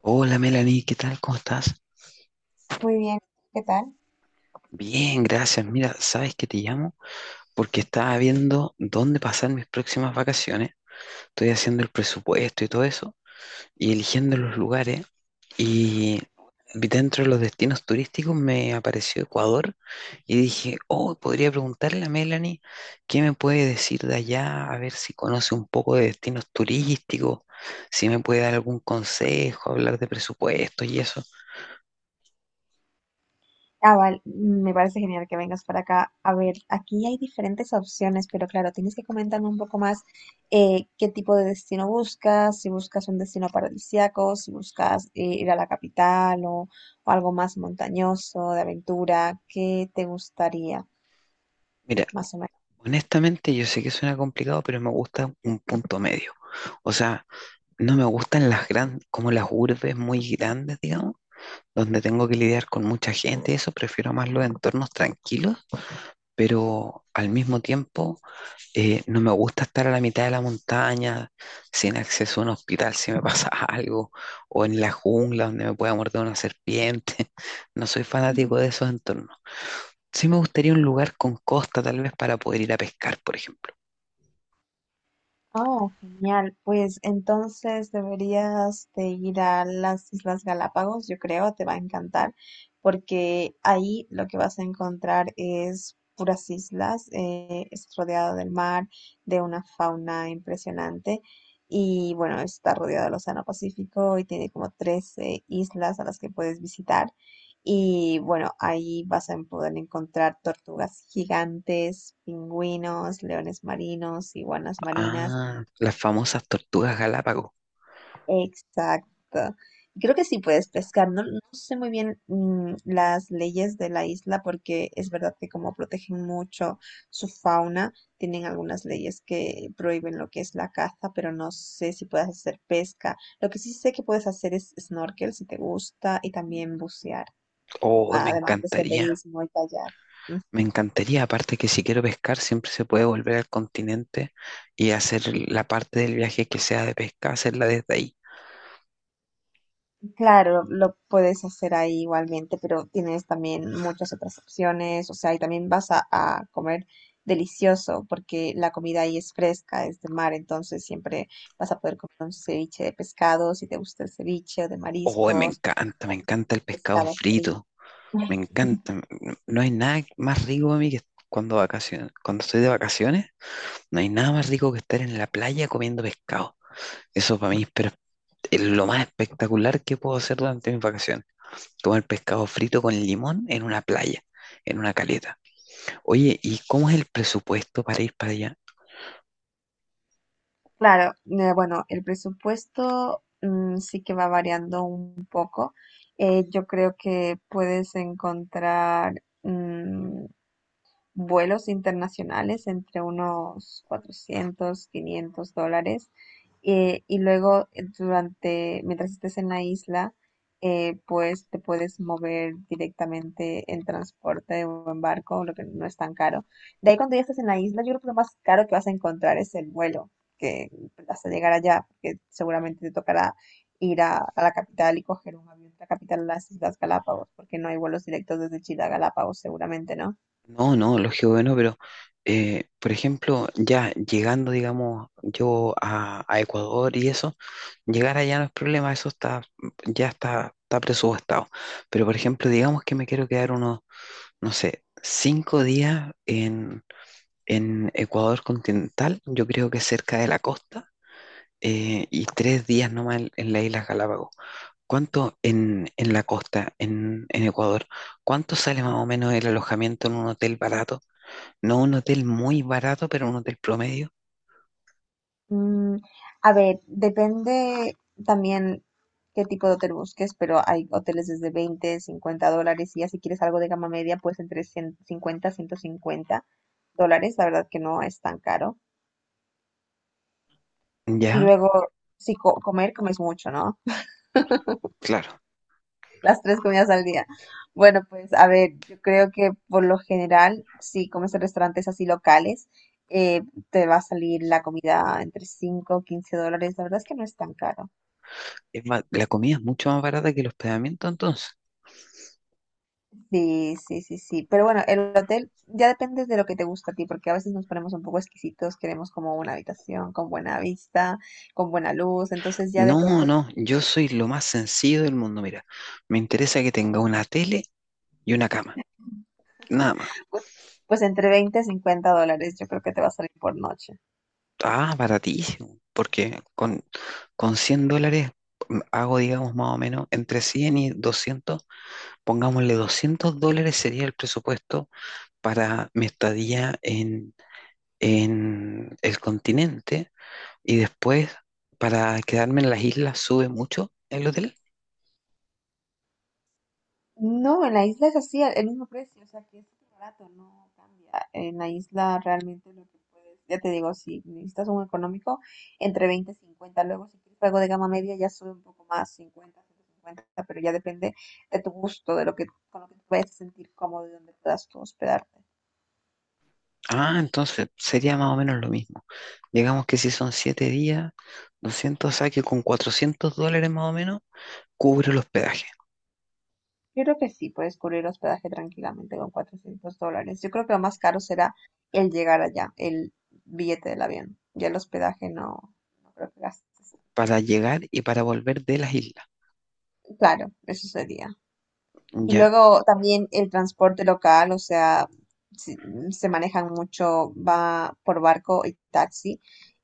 Hola Melanie, ¿qué tal? ¿Cómo estás? Muy bien, ¿qué tal? Bien, gracias. Mira, sabes que te llamo porque estaba viendo dónde pasar mis próximas vacaciones. Estoy haciendo el presupuesto y todo eso y eligiendo los lugares. Y vi dentro de los destinos turísticos me apareció Ecuador y dije, oh, podría preguntarle a Melanie qué me puede decir de allá, a ver si conoce un poco de destinos turísticos, si me puede dar algún consejo, hablar de presupuestos y eso. Ah, vale, me parece genial que vengas para acá. A ver, aquí hay diferentes opciones, pero claro, tienes que comentarme un poco más qué tipo de destino buscas, si buscas un destino paradisíaco, si buscas ir a la capital o algo más montañoso, de aventura, ¿qué te gustaría, Mira. más o menos? Honestamente, yo sé que suena complicado, pero me gusta un punto medio. O sea, no me gustan las grandes, como las urbes muy grandes, digamos, donde tengo que lidiar con mucha gente y eso, prefiero más los entornos tranquilos, pero al mismo tiempo no me gusta estar a la mitad de la montaña, sin acceso a un hospital si me pasa algo, o en la jungla donde me pueda morder una serpiente. No soy fanático de esos entornos. Sí me gustaría un lugar con costa, tal vez, para poder ir a pescar, por ejemplo. Oh, genial. Pues entonces deberías de ir a las Islas Galápagos, yo creo, te va a encantar, porque ahí lo que vas a encontrar es puras islas, es rodeado del mar, de una fauna impresionante y bueno, está rodeado del Océano Pacífico y tiene como 13 islas a las que puedes visitar. Y bueno, ahí vas a poder encontrar tortugas gigantes, pingüinos, leones marinos, iguanas marinas. Ah, las famosas tortugas Galápagos. Exacto. Creo que sí puedes pescar. No, no sé muy bien las leyes de la isla porque es verdad que como protegen mucho su fauna, tienen algunas leyes que prohíben lo que es la caza, pero no sé si puedes hacer pesca. Lo que sí sé que puedes hacer es snorkel si te gusta y también bucear, Oh, me además de encantaría, senderismo y kayak. me encantaría. Aparte que si quiero pescar, siempre se puede volver al continente y hacer la parte del viaje que sea de pesca, hacerla desde ahí. Claro, lo puedes hacer ahí igualmente, pero tienes también muchas otras opciones, o sea, y también vas a comer delicioso, porque la comida ahí es fresca, es de mar, entonces siempre vas a poder comer un ceviche de pescado, si te gusta el ceviche, o de Oh, mariscos, me o encanta el pescado pescado frito. frito, me encanta. No hay nada más rico a mí que cuando cuando estoy de vacaciones, no hay nada más rico que estar en la playa comiendo pescado. Eso para mí es lo más espectacular que puedo hacer durante mis vacaciones. Comer pescado frito con limón en una playa, en una caleta. Oye, ¿y cómo es el presupuesto para ir para allá? Claro, bueno, el presupuesto sí que va variando un poco. Yo creo que puedes encontrar, mm, vuelos internacionales entre unos $400-500. Y luego, durante, mientras estés en la isla, pues te puedes mover directamente en transporte o en barco, lo que no es tan caro. De ahí, cuando ya estás en la isla, yo creo que lo más caro que vas a encontrar es el vuelo, que hasta llegar allá, porque seguramente te tocará ir a la capital y coger un avión de la capital a las Islas Galápagos, porque no hay vuelos directos desde Chile a Galápagos, seguramente, ¿no? No, no, lógico que no, pero por ejemplo, ya llegando, digamos, yo a Ecuador y eso, llegar allá no es problema, eso está, ya está presupuestado. Pero por ejemplo, digamos que me quiero quedar unos, no sé, 5 días en Ecuador continental, yo creo que cerca de la costa y 3 días nomás en las Islas Galápagos. ¿Cuánto en la costa, en Ecuador? ¿Cuánto sale más o menos el alojamiento en un hotel barato? No un hotel muy barato, pero un hotel promedio. Mm, a ver, depende también qué tipo de hotel busques, pero hay hoteles desde $20-50 y ya si quieres algo de gama media, pues entre ciento cincuenta dólares. La verdad que no es tan caro. Y Ya, luego, si comer, comes mucho, ¿no? claro. Las tres comidas al día. Bueno, pues a ver, yo creo que por lo general, si comes en restaurantes así locales, eh, te va a salir la comida entre 5, o 15 dólares. La verdad es que no es tan caro. Es más, la comida es mucho más barata que el hospedamiento entonces. Sí, sí, sí, sí. Pero bueno, el hotel ya depende de lo que te gusta a ti, porque a veces nos ponemos un poco exquisitos, queremos como una habitación con buena vista, con buena luz, entonces ya No, depende, no, yo soy lo más sencillo del mundo. Mira, me interesa que tenga una tele y una cama, nada más. pues, pues entre $20-50 yo creo que te va a salir por noche. Ah, baratísimo, porque con $100 hago, digamos, más o menos entre 100 y 200, pongámosle $200 sería el presupuesto para mi estadía en el continente y después para quedarme en las islas sube mucho el hotel. No, en la isla es así, el mismo precio, o sea que es súper barato, no cambia. En la isla realmente lo que puedes, ya te digo, si necesitas un económico, entre 20 y 50. Luego, si quieres algo de gama media, ya sube un poco más, 50-150, pero ya depende de tu gusto, con lo que te puedes sentir cómodo y donde puedas tú hospedarte. Ah, entonces sería más o menos lo mismo. Digamos que si son 7 días, 200 saque con $400 más o menos, cubre el hospedaje Yo creo que sí, puedes cubrir hospedaje tranquilamente con $400. Yo creo que lo más caro será el llegar allá, el billete del avión. Ya el hospedaje no, no creo que gastes. para llegar y para volver de las islas. Claro, eso sería. Y Ya, luego también el transporte local, o sea, si- se manejan mucho, va por barco y taxi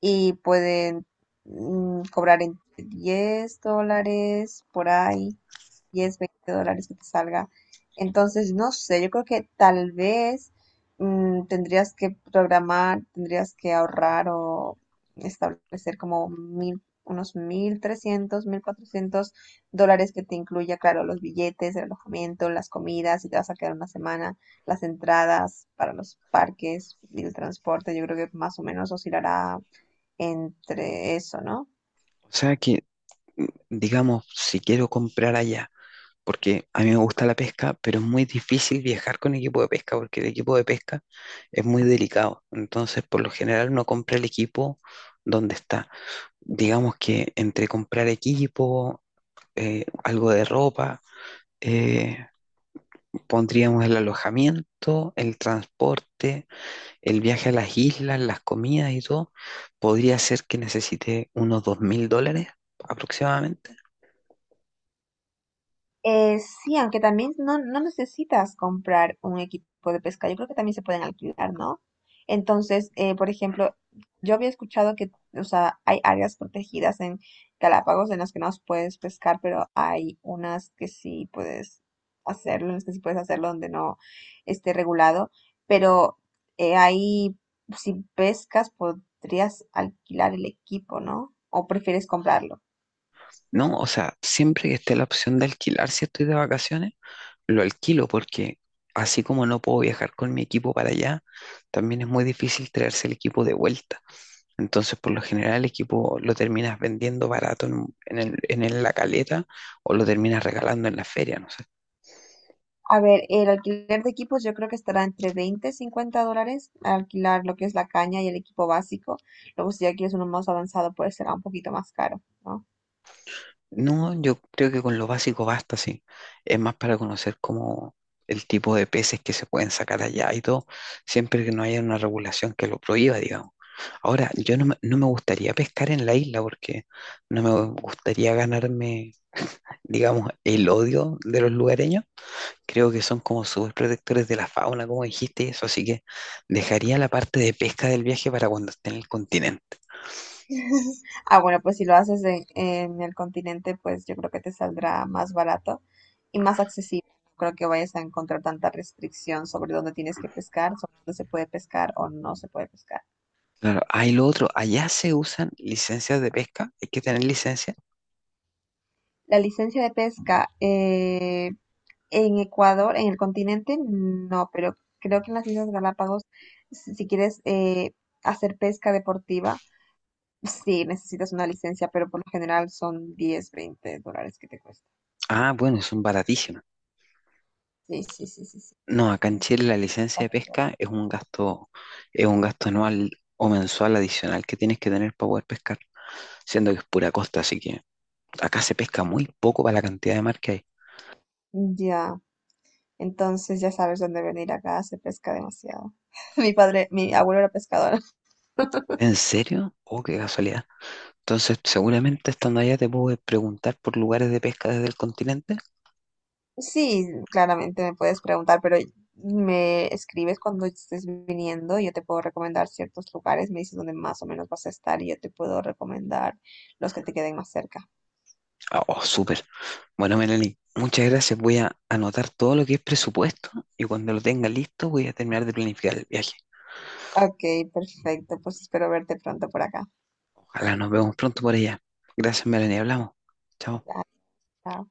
y pueden cobrar entre $10 por ahí. 10, 20 dólares que te salga. Entonces, no sé, yo creo que tal vez tendrías que programar, tendrías que ahorrar o establecer como unos $1,300-1,400 que te incluya, claro, los billetes, el alojamiento, las comidas, si te vas a quedar una semana, las entradas para los parques y el transporte, yo creo que más o menos oscilará entre eso, ¿no? o sea que, digamos, si quiero comprar allá, porque a mí me gusta la pesca, pero es muy difícil viajar con equipo de pesca, porque el equipo de pesca es muy delicado. Entonces, por lo general, uno compra el equipo donde está. Digamos que entre comprar equipo, algo de ropa, eh, pondríamos el alojamiento, el transporte, el viaje a las islas, las comidas y todo. Podría ser que necesite unos $2,000 aproximadamente. Sí, aunque también no, no necesitas comprar un equipo de pesca, yo creo que también se pueden alquilar, ¿no? Entonces, por ejemplo, yo había escuchado que, o sea, hay áreas protegidas en Galápagos en las que no puedes pescar, pero hay unas que sí puedes hacerlo, en las que sí puedes hacerlo donde no esté regulado, pero ahí, si pescas, podrías alquilar el equipo, ¿no? ¿O prefieres comprarlo? No, o sea, siempre que esté la opción de alquilar si estoy de vacaciones, lo alquilo porque así como no puedo viajar con mi equipo para allá, también es muy difícil traerse el equipo de vuelta. Entonces, por lo general, el equipo lo terminas vendiendo barato en, un- en el- la caleta o lo terminas regalando en la feria, ¿no? A ver, el alquiler de equipos yo creo que estará entre $20-50 alquilar lo que es la caña y el equipo básico. Luego, si ya quieres uno más avanzado, pues será un poquito más caro, ¿no? No, yo creo que con lo básico basta, sí. Es más para conocer como el tipo de peces que se pueden sacar allá y todo, siempre que no haya una regulación que lo prohíba, digamos. Ahora, yo no me gustaría pescar en la isla porque no me gustaría ganarme, digamos, el odio de los lugareños. Creo que son como súper protectores de la fauna, como dijiste, y eso, así que dejaría la parte de pesca del viaje para cuando esté en el continente. Ah, bueno, pues si lo haces en el continente, pues yo creo que te saldrá más barato y más accesible. No creo que vayas a encontrar tanta restricción sobre dónde tienes que pescar, sobre dónde se puede pescar o no se puede pescar. Claro, hay lo otro, allá se usan licencias de pesca, hay que tener licencia. La licencia de pesca, en Ecuador, en el continente, no, pero creo que en las Islas Galápagos, si quieres hacer pesca deportiva, sí, necesitas una licencia, pero por lo general son $10-20 que te cuesta. Ah, bueno, son baratísimas. Sí, sí, sí, sí, sí. No, acá en Entonces, Chile la licencia de pesca es un gasto anual o mensual adicional que tienes que tener para poder pescar, siendo que es pura costa, así que acá se pesca muy poco para la cantidad de mar que hay. ya, entonces ya sabes dónde venir acá, se pesca demasiado. Mi padre, mi abuelo era pescador. ¿En serio? Oh, qué casualidad. Entonces, seguramente estando allá te puedo preguntar por lugares de pesca desde el continente. Sí, claramente me puedes preguntar, pero me escribes cuando estés viniendo y yo te puedo recomendar ciertos lugares, me dices dónde más o menos vas a estar y yo te puedo recomendar los que te queden más cerca. Ah, oh, súper. Bueno, Melanie, muchas gracias. Voy a anotar todo lo que es presupuesto y cuando lo tenga listo voy a terminar de planificar el viaje. Ok, perfecto, pues espero verte pronto por acá. Ojalá nos vemos pronto por allá. Gracias, Melanie. Hablamos. Chao. Dale, chao.